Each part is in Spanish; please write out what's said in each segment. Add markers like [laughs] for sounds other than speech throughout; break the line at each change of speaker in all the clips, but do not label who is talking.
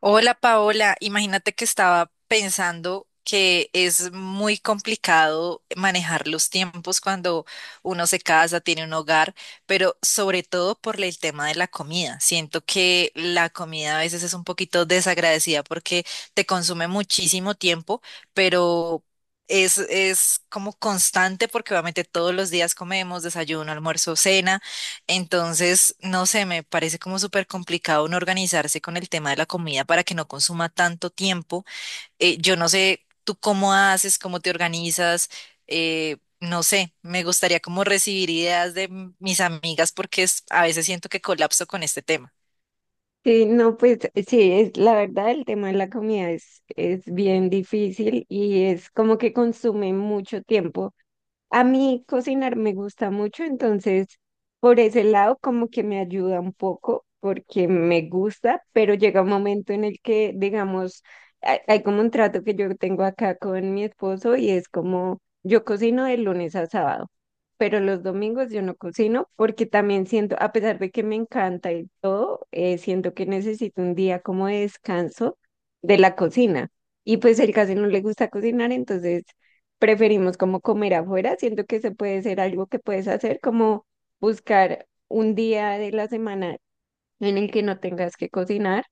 Hola Paola, imagínate que estaba pensando que es muy complicado manejar los tiempos cuando uno se casa, tiene un hogar, pero sobre todo por el tema de la comida. Siento que la comida a veces es un poquito desagradecida porque te consume muchísimo tiempo, pero es como constante porque obviamente todos los días comemos desayuno, almuerzo, cena. Entonces, no sé, me parece como súper complicado uno organizarse con el tema de la comida para que no consuma tanto tiempo. Yo no sé tú cómo haces, cómo te organizas, no sé, me gustaría como recibir ideas de mis amigas porque a veces siento que colapso con este tema.
Sí, no, pues sí, es la verdad, el tema de la comida es bien difícil y es como que consume mucho tiempo. A mí cocinar me gusta mucho, entonces por ese lado como que me ayuda un poco porque me gusta, pero llega un momento en el que, digamos, hay como un trato que yo tengo acá con mi esposo y es como yo cocino de lunes a sábado, pero los domingos yo no cocino porque también siento, a pesar de que me encanta y todo, siento que necesito un día como de descanso de la cocina. Y pues él casi no le gusta cocinar, entonces preferimos como comer afuera. Siento que se puede ser algo que puedes hacer, como buscar un día de la semana en el que no tengas que cocinar.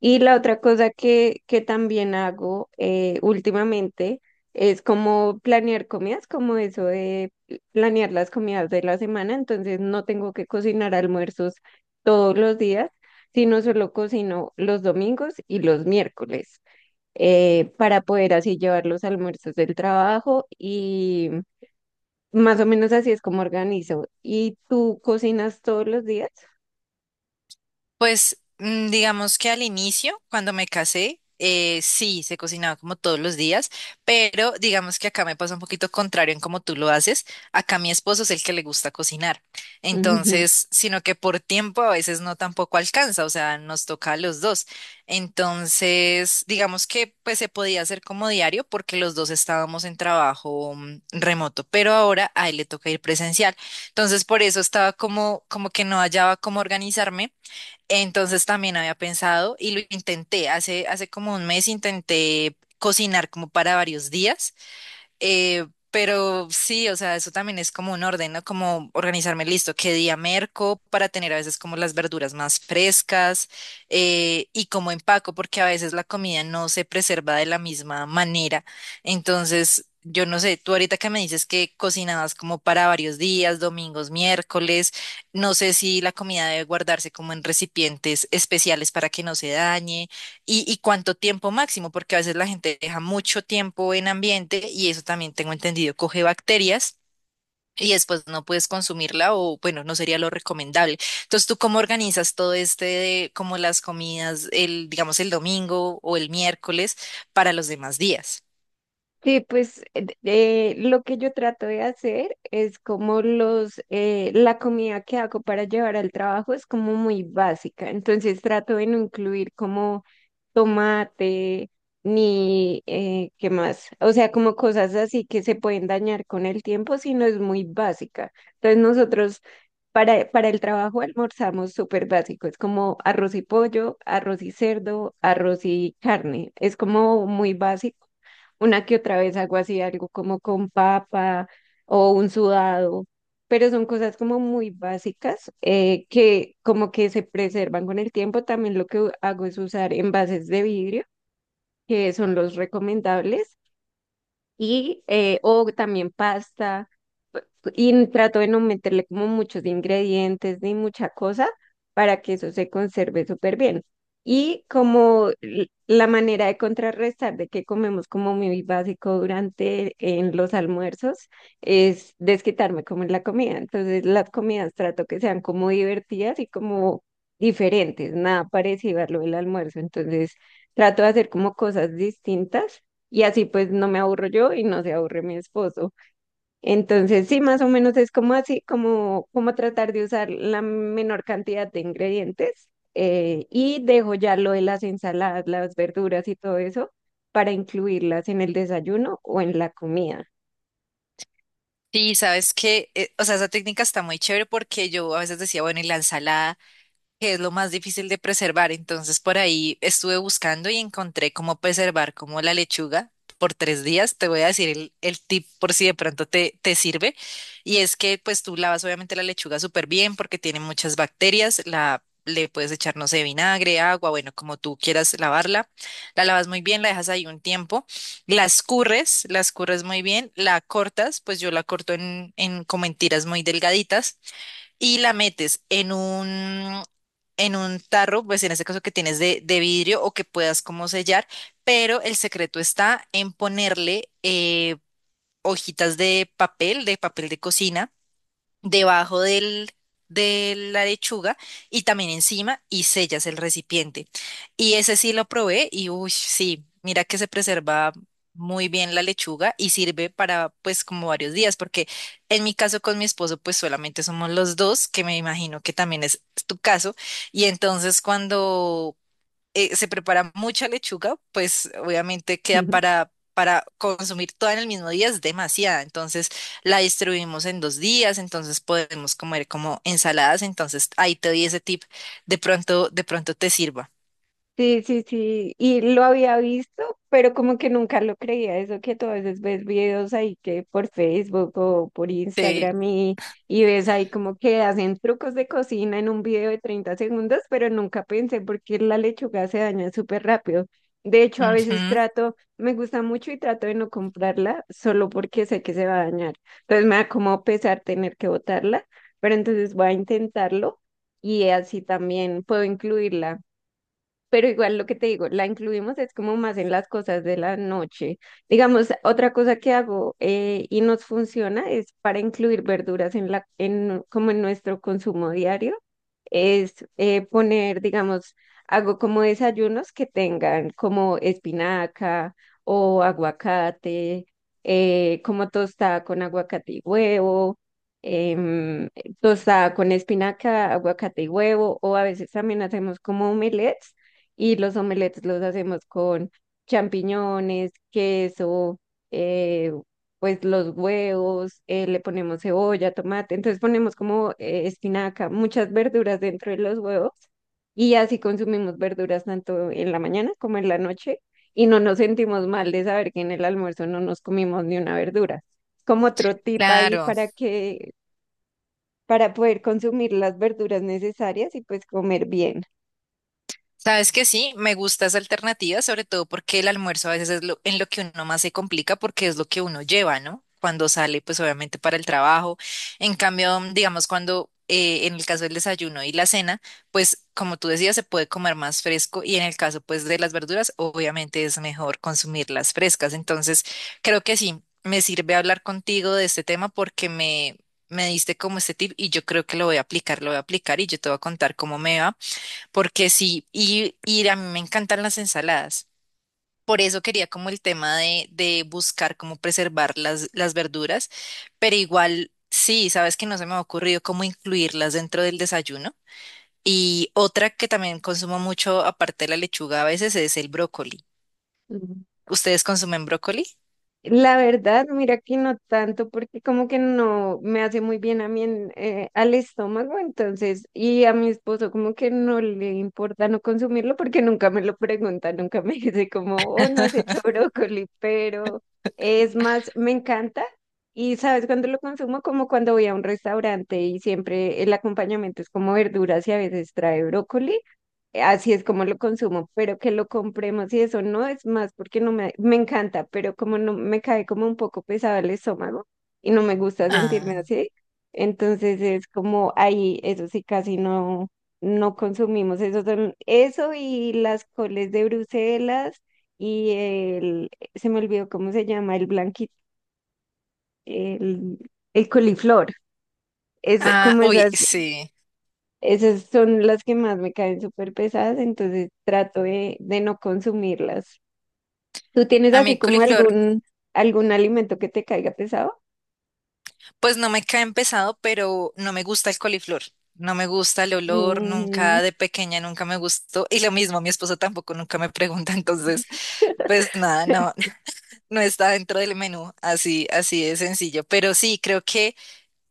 Y la otra cosa que también hago últimamente es como planear comidas, como eso de planear las comidas de la semana. Entonces no tengo que cocinar almuerzos todos los días, sino solo cocino los domingos y los miércoles para poder así llevar los almuerzos del trabajo y más o menos así es como organizo. ¿Y tú cocinas todos los días?
Pues digamos que al inicio, cuando me casé, sí, se cocinaba como todos los días, pero digamos que acá me pasa un poquito contrario en cómo tú lo haces. Acá mi esposo es el que le gusta cocinar.
[laughs]
Entonces, sino que por tiempo a veces no tampoco alcanza, o sea, nos toca a los dos. Entonces, digamos que pues se podía hacer como diario porque los dos estábamos en trabajo remoto, pero ahora a él le toca ir presencial. Entonces, por eso estaba como, como que no hallaba cómo organizarme, entonces también había pensado y lo intenté, hace como 1 mes intenté cocinar como para varios días, pero sí, o sea, eso también es como un orden, ¿no? Como organizarme listo, qué día merco para tener a veces como las verduras más frescas, y como empaco, porque a veces la comida no se preserva de la misma manera. Entonces, yo no sé, tú ahorita que me dices que cocinabas como para varios días, domingos, miércoles, no sé si la comida debe guardarse como en recipientes especiales para que no se dañe. Y cuánto tiempo máximo? Porque a veces la gente deja mucho tiempo en ambiente y eso también tengo entendido, coge bacterias y después no puedes consumirla o bueno, no sería lo recomendable. Entonces, ¿tú cómo organizas todo este, de, como las comidas, el, digamos, el domingo o el miércoles para los demás días?
Sí, pues lo que yo trato de hacer es como los, la comida que hago para llevar al trabajo es como muy básica, entonces trato de no incluir como tomate ni qué más, o sea, como cosas así que se pueden dañar con el tiempo, sino es muy básica. Entonces nosotros para el trabajo almorzamos súper básico, es como arroz y pollo, arroz y cerdo, arroz y carne, es como muy básico una que otra vez hago así, algo como con papa o un sudado, pero son cosas como muy básicas que como que se preservan con el tiempo. También lo que hago es usar envases de vidrio, que son los recomendables, y o también pasta y trato de no meterle como muchos ingredientes ni mucha cosa para que eso se conserve súper bien. Y como la manera de contrarrestar de que comemos como muy básico durante en los almuerzos es desquitarme como en la comida. Entonces las comidas trato que sean como divertidas y como diferentes, nada parecido a lo del almuerzo. Entonces trato de hacer como cosas distintas y así pues no me aburro yo y no se aburre mi esposo. Entonces, sí, más o menos es como así, como, como tratar de usar la menor cantidad de ingredientes y dejo ya lo de las ensaladas, las verduras y todo eso para incluirlas en el desayuno o en la comida.
Sí, sabes que, o sea, esa técnica está muy chévere porque yo a veces decía, bueno, y la ensalada, que es lo más difícil de preservar. Entonces por ahí estuve buscando y encontré cómo preservar como la lechuga por 3 días. Te voy a decir el tip por si de pronto te sirve. Y es que pues tú lavas obviamente la lechuga súper bien porque tiene muchas bacterias. La, le puedes echar, no sé, vinagre, agua, bueno, como tú quieras lavarla. La lavas muy bien, la dejas ahí un tiempo. La escurres muy bien, la cortas, pues yo la corto en como en tiras muy delgaditas y la metes en un tarro, pues en este caso que tienes de vidrio o que puedas como sellar, pero el secreto está en ponerle hojitas de papel, de papel de cocina debajo del, de la lechuga, y también encima y sellas el recipiente. Y ese sí lo probé y uy, sí, mira que se preserva muy bien la lechuga y sirve para pues como varios días, porque en mi caso con mi esposo pues solamente somos los dos, que me imagino que también es tu caso, y entonces cuando se prepara mucha lechuga, pues obviamente queda
[laughs]
para consumir toda en el mismo día, es demasiada. Entonces la distribuimos en 2 días, entonces podemos comer como ensaladas. Entonces ahí te doy ese tip, de pronto te sirva.
Sí, sí, sí, y lo había visto, pero como que nunca lo creía, eso que tú a veces ves videos ahí que por Facebook o por
Sí.
Instagram y ves ahí como que hacen trucos de cocina en un video de 30 segundos, pero nunca pensé porque la lechuga se daña súper rápido. De hecho, a veces
Ujú,
trato, me gusta mucho y trato de no comprarla solo porque sé que se va a dañar. Entonces me da como pesar tener que botarla, pero entonces voy a intentarlo y así también puedo incluirla pero igual lo que te digo, la incluimos es como más en las cosas de la noche. Digamos, otra cosa que hago y nos funciona es para incluir verduras en la, en, como en nuestro consumo diario, es poner, digamos, hago como desayunos que tengan como espinaca o aguacate, como tostada con aguacate y huevo em, tostada con espinaca, aguacate y huevo, o a veces también hacemos como omelets y los omelettes los hacemos con champiñones, queso, eh, pues los huevos, le ponemos cebolla, tomate, entonces ponemos como espinaca, muchas verduras dentro de los huevos y así consumimos verduras tanto en la mañana como en la noche y no nos sentimos mal de saber que en el almuerzo no nos comimos ni una verdura. Como otro tip ahí
claro.
para que, para poder consumir las verduras necesarias y pues comer bien.
Sabes que sí, me gusta esa alternativa, sobre todo porque el almuerzo a veces es lo, en lo que uno más se complica porque es lo que uno lleva, ¿no? Cuando sale, pues obviamente para el trabajo. En cambio, digamos, cuando en el caso del desayuno y la cena, pues como tú decías, se puede comer más fresco y en el caso, pues, de las verduras, obviamente es mejor consumirlas frescas. Entonces, creo que sí, me sirve hablar contigo de este tema porque me diste como este tip y yo creo que lo voy a aplicar, lo voy a aplicar y yo te voy a contar cómo me va, porque sí, y a mí me encantan las ensaladas. Por eso quería como el tema de buscar cómo preservar las verduras, pero igual sí, sabes que no se me ha ocurrido cómo incluirlas dentro del desayuno. Y otra que también consumo mucho, aparte de la lechuga a veces, es el brócoli. ¿Ustedes consumen brócoli?
La verdad, mira que no tanto, porque como que no me hace muy bien a mí en, al estómago, entonces, y a mi esposo como que no le importa no consumirlo porque nunca me lo pregunta, nunca me [laughs] dice como, oh, no has hecho brócoli, pero es más, me encanta. Y sabes, cuando lo consumo, como cuando voy a un restaurante y siempre el acompañamiento es como verduras y a veces trae brócoli. Así es como lo consumo, pero que lo compremos y eso no es más porque no me, me encanta, pero como no me cae como un poco pesado el estómago y no me gusta sentirme
Ah,
así, entonces es como ahí, eso sí, casi no, no consumimos. Eso son, eso y las coles de Bruselas y el, se me olvidó cómo se llama, el blanquito, el, el coliflor. Es
ah,
como
uy,
esas
sí.
esas son las que más me caen súper pesadas, entonces trato de no consumirlas. ¿Tú tienes
A mí
así
el
como
coliflor.
algún, algún alimento que te caiga pesado?
Pues no me cae pesado, pero no me gusta el coliflor. No me gusta el olor,
Mm,
nunca de pequeña, nunca me gustó. Y lo mismo, mi esposo tampoco nunca me pregunta, [laughs] entonces, pues nada, no, [laughs] no está dentro del menú, así, así de sencillo. Pero sí, creo que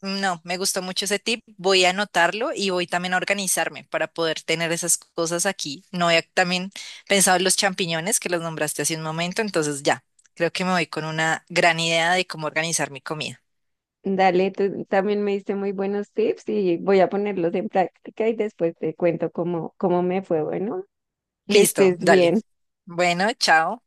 no, me gustó mucho ese tip. Voy a anotarlo y voy también a organizarme para poder tener esas cosas aquí. No había también pensado en los champiñones que los nombraste hace un momento, entonces ya, creo que me voy con una gran idea de cómo organizar mi comida.
dale, tú también me diste muy buenos tips y voy a ponerlos en práctica y después te cuento cómo, cómo me fue. Bueno, que
Listo,
estés
dale.
bien.
Bueno, chao.